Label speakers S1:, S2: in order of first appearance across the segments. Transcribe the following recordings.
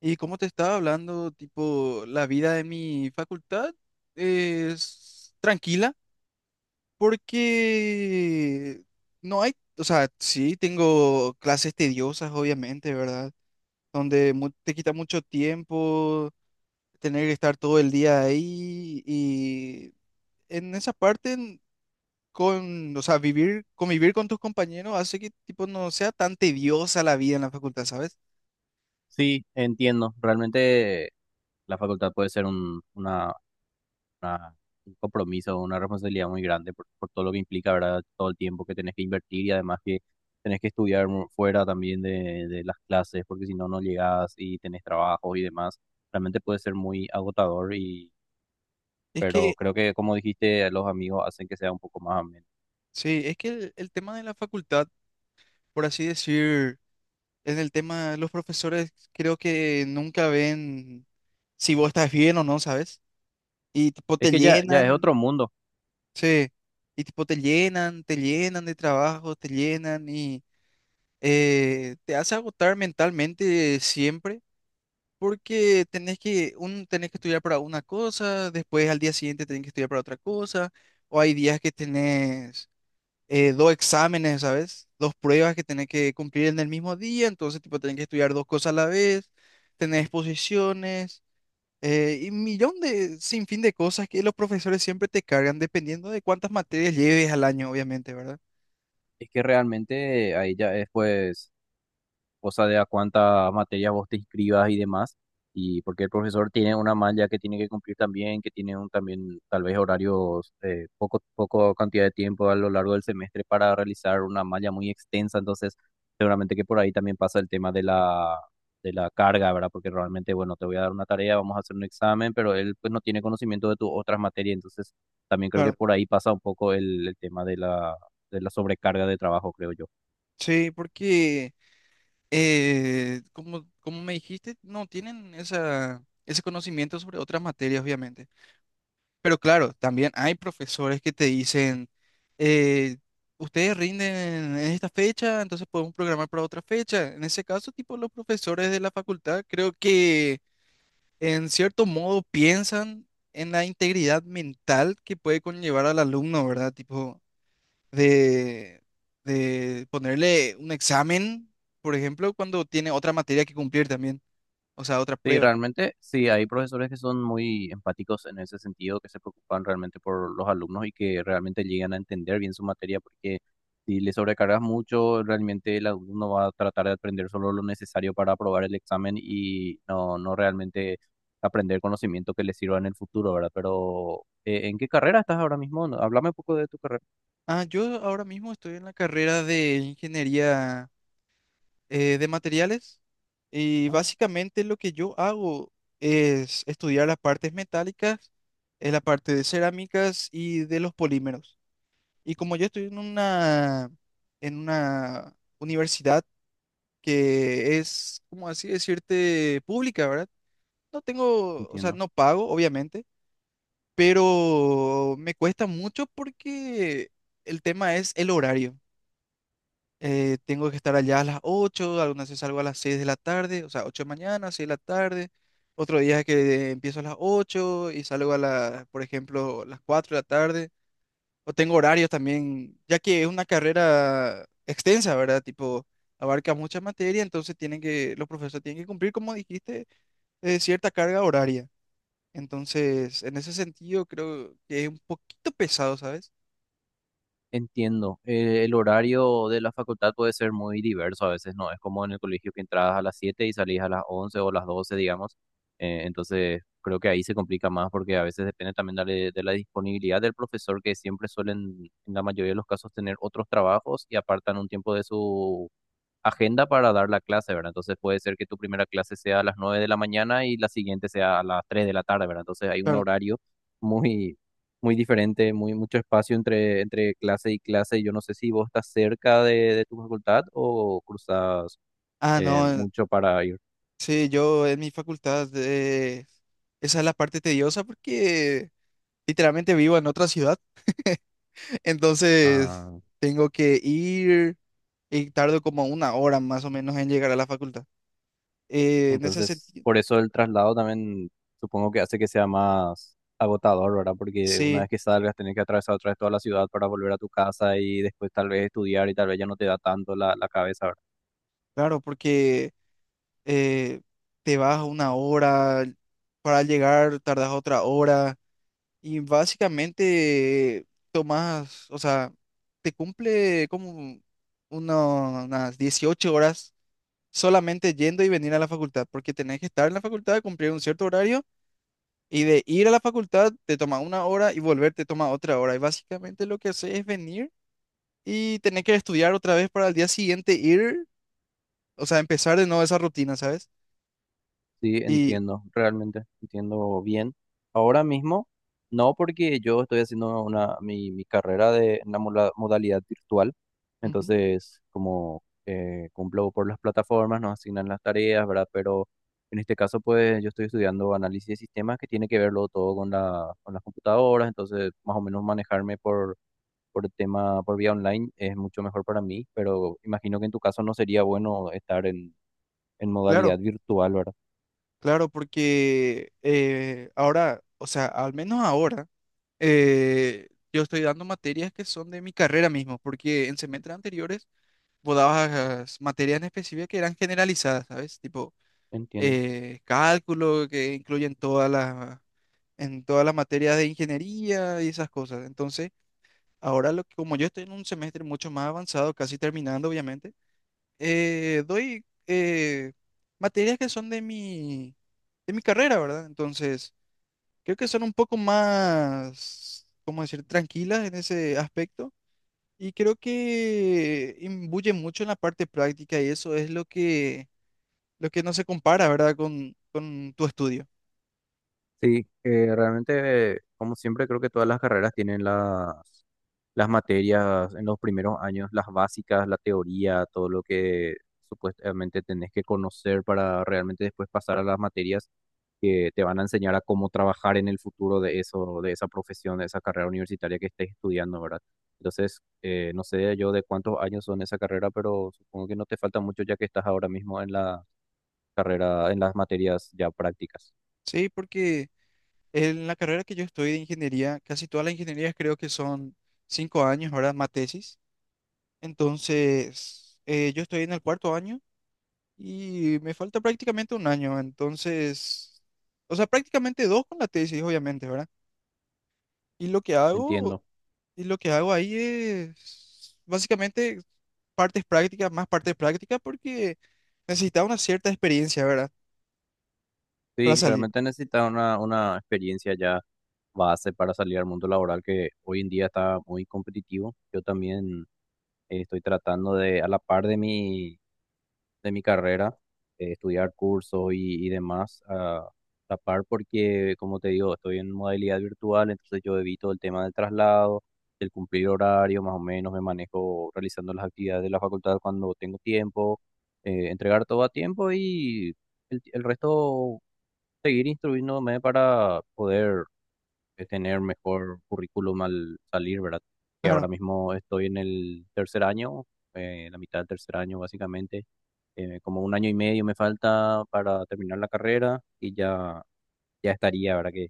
S1: Y como te estaba hablando, tipo, la vida de mi facultad es tranquila porque no hay, o sea, sí tengo clases tediosas, obviamente, ¿verdad? Donde te quita mucho tiempo tener que estar todo el día ahí y en esa parte, con, o sea, convivir con tus compañeros hace que, tipo, no sea tan tediosa la vida en la facultad, ¿sabes?
S2: Sí, entiendo. Realmente la facultad puede ser una- un compromiso, una responsabilidad muy grande por todo lo que implica, ¿verdad? Todo el tiempo que tenés que invertir y además que tenés que estudiar fuera también de las clases, porque si no, no llegás y tenés trabajo y demás. Realmente puede ser muy agotador
S1: Es que,
S2: pero creo que como dijiste, los amigos hacen que sea un poco más ameno.
S1: sí, es que el tema de la facultad, por así decir, en el tema, los profesores creo que nunca ven si vos estás bien o no, ¿sabes? Y tipo
S2: Es
S1: te
S2: que ya, ya es otro
S1: llenan,
S2: mundo.
S1: sí, y tipo te llenan de trabajo, te llenan y te hace agotar mentalmente siempre. Porque tenés que estudiar para una cosa, después al día siguiente tenés que estudiar para otra cosa, o hay días que tenés dos exámenes, ¿sabes? Dos pruebas que tenés que cumplir en el mismo día, entonces, tipo, tenés que estudiar dos cosas a la vez, tener exposiciones, y sin fin de cosas que los profesores siempre te cargan, dependiendo de cuántas materias lleves al año, obviamente, ¿verdad?
S2: Es que realmente ahí ya es pues cosa de a cuántas materias vos te inscribas y demás, y porque el profesor tiene una malla que tiene que cumplir también, que tiene un, también tal vez horarios, poco, poco cantidad de tiempo a lo largo del semestre para realizar una malla muy extensa, entonces seguramente que por ahí también pasa el tema de la carga, ¿verdad? Porque realmente, bueno, te voy a dar una tarea, vamos a hacer un examen, pero él pues no tiene conocimiento de tus otras materias, entonces también creo que
S1: Claro,
S2: por ahí pasa un poco el tema de de la sobrecarga de trabajo, creo yo.
S1: sí, porque, como me dijiste, no tienen esa, ese conocimiento sobre otras materias, obviamente. Pero claro, también hay profesores que te dicen, eh, ustedes rinden en esta fecha, entonces podemos programar para otra fecha. En ese caso, tipo, los profesores de la facultad creo que en cierto modo piensan en la integridad mental que puede conllevar al alumno, ¿verdad? Tipo, de, de ponerle un examen, por ejemplo, cuando tiene otra materia que cumplir también, o sea, otra
S2: Sí,
S1: prueba.
S2: realmente sí, hay profesores que son muy empáticos en ese sentido, que se preocupan realmente por los alumnos y que realmente llegan a entender bien su materia, porque si le sobrecargas mucho, realmente el alumno va a tratar de aprender solo lo necesario para aprobar el examen y no, no realmente aprender conocimiento que le sirva en el futuro, ¿verdad? Pero, ¿en qué carrera estás ahora mismo? No, háblame un poco de tu carrera.
S1: Ah, yo ahora mismo estoy en la carrera de ingeniería, de materiales y
S2: Ah,
S1: básicamente lo que yo hago es estudiar las partes metálicas, la parte de cerámicas y de los polímeros. Y como yo estoy en una, universidad que es, como así decirte, pública, ¿verdad? No tengo, o sea,
S2: entiendo.
S1: no pago, obviamente, pero me cuesta mucho porque el tema es el horario. Tengo que estar allá a las 8, algunas veces salgo a las 6 de la tarde, o sea, 8 de mañana, 6 de la tarde. Otro día que empiezo a las 8 y salgo a las, por ejemplo, las 4 de la tarde. O tengo horarios también, ya que es una carrera extensa, ¿verdad? Tipo, abarca mucha materia, entonces tienen que, los profesores tienen que cumplir, como dijiste, cierta carga horaria. Entonces, en ese sentido, creo que es un poquito pesado, ¿sabes?
S2: Entiendo. El horario de la facultad puede ser muy diverso a veces, ¿no? Es como en el colegio que entrabas a las 7 y salís a las 11 o las 12, digamos. Entonces, creo que ahí se complica más porque a veces depende también de la disponibilidad del profesor, que siempre suelen, en la mayoría de los casos, tener otros trabajos y apartan un tiempo de su agenda para dar la clase, ¿verdad? Entonces puede ser que tu primera clase sea a las 9 de la mañana y la siguiente sea a las 3 de la tarde, ¿verdad? Entonces hay un
S1: Claro.
S2: horario muy, muy diferente, muy mucho espacio entre clase y clase. Yo no sé si vos estás cerca de tu facultad o cruzas
S1: Ah, no.
S2: mucho para ir.
S1: Sí, yo en mi facultad, esa es la parte tediosa porque literalmente vivo en otra ciudad, entonces tengo que ir y tardo como una hora más o menos en llegar a la facultad. En ese
S2: Entonces,
S1: sentido,
S2: por eso el traslado también supongo que hace que sea más agotador, ¿verdad? Porque una
S1: sí,
S2: vez que salgas, tenés que atravesar otra vez toda la ciudad para volver a tu casa y después tal vez estudiar y tal vez ya no te da tanto la cabeza, ¿verdad?
S1: claro, porque eh, te vas una hora, para llegar tardas otra hora y básicamente tomas, o sea, te cumple como unas 18 horas solamente yendo y venir a la facultad, porque tenés que estar en la facultad, cumplir un cierto horario y de ir a la facultad te toma una hora y volver te toma otra hora. Y básicamente lo que haces es venir y tenés que estudiar otra vez para el día siguiente ir, o sea, empezar de nuevo esa rutina, ¿sabes?
S2: Sí,
S1: Y
S2: entiendo, realmente entiendo bien. Ahora mismo, no, porque yo estoy haciendo mi carrera de en la modalidad virtual,
S1: ujú,
S2: entonces como cumplo por las plataformas, nos asignan las tareas, ¿verdad? Pero en este caso, pues yo estoy estudiando análisis de sistemas, que tiene que verlo todo con con las computadoras, entonces más o menos manejarme por el tema, por vía online es mucho mejor para mí, pero imagino que en tu caso no sería bueno estar en
S1: claro,
S2: modalidad virtual, ¿verdad?
S1: claro, porque ahora, o sea, al menos ahora, yo estoy dando materias que son de mi carrera mismo, porque en semestres anteriores vos dabas materias en específico que eran generalizadas, ¿sabes? Tipo,
S2: Entiendo.
S1: cálculo, que incluyen todas las, en todas las materias de ingeniería y esas cosas. Entonces, ahora como yo estoy en un semestre mucho más avanzado, casi terminando, obviamente, doy materias que son de mi carrera, ¿verdad? Entonces, creo que son un poco más, ¿cómo decir?, tranquilas en ese aspecto. Y creo que imbuye mucho en la parte práctica y eso es lo que no se compara, ¿verdad?, con tu estudio.
S2: Sí, realmente, como siempre, creo que todas las carreras tienen las materias en los primeros años, las básicas, la teoría, todo lo que supuestamente tenés que conocer para realmente después pasar a las materias que te van a enseñar a cómo trabajar en el futuro de eso, de esa profesión, de esa carrera universitaria que estés estudiando, ¿verdad? Entonces, no sé yo de cuántos años son esa carrera, pero supongo que no te falta mucho ya que estás ahora mismo en la carrera, en las materias ya prácticas.
S1: Sí, porque en la carrera que yo estoy de ingeniería, casi todas las ingenierías creo que son 5 años, ¿verdad? Más tesis. Entonces, yo estoy en el cuarto año y me falta prácticamente un año. Entonces, o sea, prácticamente dos con la tesis, obviamente, ¿verdad? Y lo que hago,
S2: Entiendo.
S1: y lo que hago ahí es básicamente partes prácticas, más partes prácticas, porque necesitaba una cierta experiencia, ¿verdad? Para
S2: Sí,
S1: salir.
S2: realmente necesitas una experiencia ya base para salir al mundo laboral, que hoy en día está muy competitivo. Yo también estoy tratando de, a la par de mi carrera, estudiar cursos y demás, a la par porque, como te digo, estoy en modalidad virtual, entonces yo evito el tema del traslado, del cumplir horario, más o menos me manejo realizando las actividades de la facultad cuando tengo tiempo, entregar todo a tiempo y el resto seguir instruyéndome para poder tener mejor currículum al salir, ¿verdad? Que
S1: Claro,
S2: ahora mismo estoy en el tercer año, la mitad del tercer año básicamente, como un año y medio me falta para terminar la carrera y ya, ya estaría, ¿verdad? Que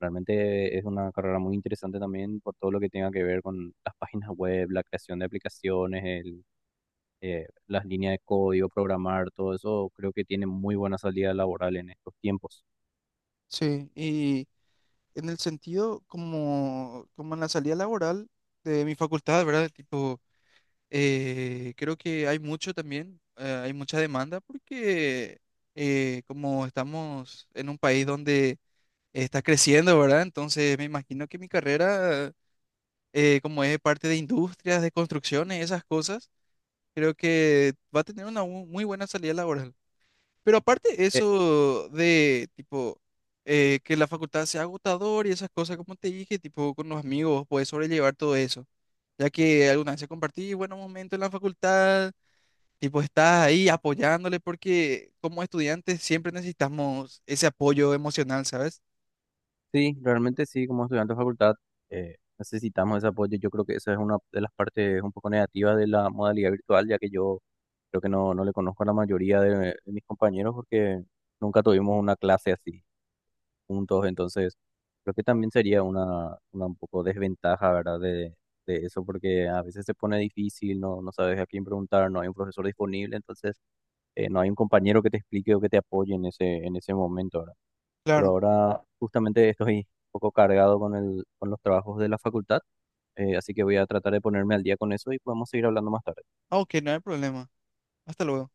S2: realmente es una carrera muy interesante también por todo lo que tenga que ver con las páginas web, la creación de aplicaciones, el... las líneas de código, programar, todo eso creo que tiene muy buena salida laboral en estos tiempos.
S1: sí. Y en el sentido como, en la salida laboral de mi facultad, ¿verdad? Tipo, creo que hay mucho también, hay mucha demanda porque como estamos en un país donde está creciendo, ¿verdad? Entonces me imagino que mi carrera, como es parte de industrias, de construcciones, esas cosas, creo que va a tener una muy buena salida laboral. Pero aparte eso de tipo que la facultad sea agotador y esas cosas, como te dije, tipo con los amigos, puedes sobrellevar todo eso. Ya que alguna vez se compartí buenos momentos en la facultad, tipo estás ahí apoyándole porque como estudiantes siempre necesitamos ese apoyo emocional, ¿sabes?
S2: Sí, realmente sí, como estudiante de facultad, necesitamos ese apoyo. Yo creo que esa es una de las partes un poco negativas de la modalidad virtual, ya que yo creo que no, no le conozco a la mayoría de mis compañeros porque nunca tuvimos una clase así juntos. Entonces, creo que también sería una un poco desventaja, ¿verdad? De eso, porque a veces se pone difícil, no, no sabes a quién preguntar, no hay un profesor disponible, entonces no hay un compañero que te explique o que te apoye en en ese momento, ¿verdad? Pero
S1: Claro.
S2: ahora justamente estoy un poco cargado con con los trabajos de la facultad, así que voy a tratar de ponerme al día con eso y podemos seguir hablando más tarde.
S1: Ah, Ok, no hay problema. Hasta luego.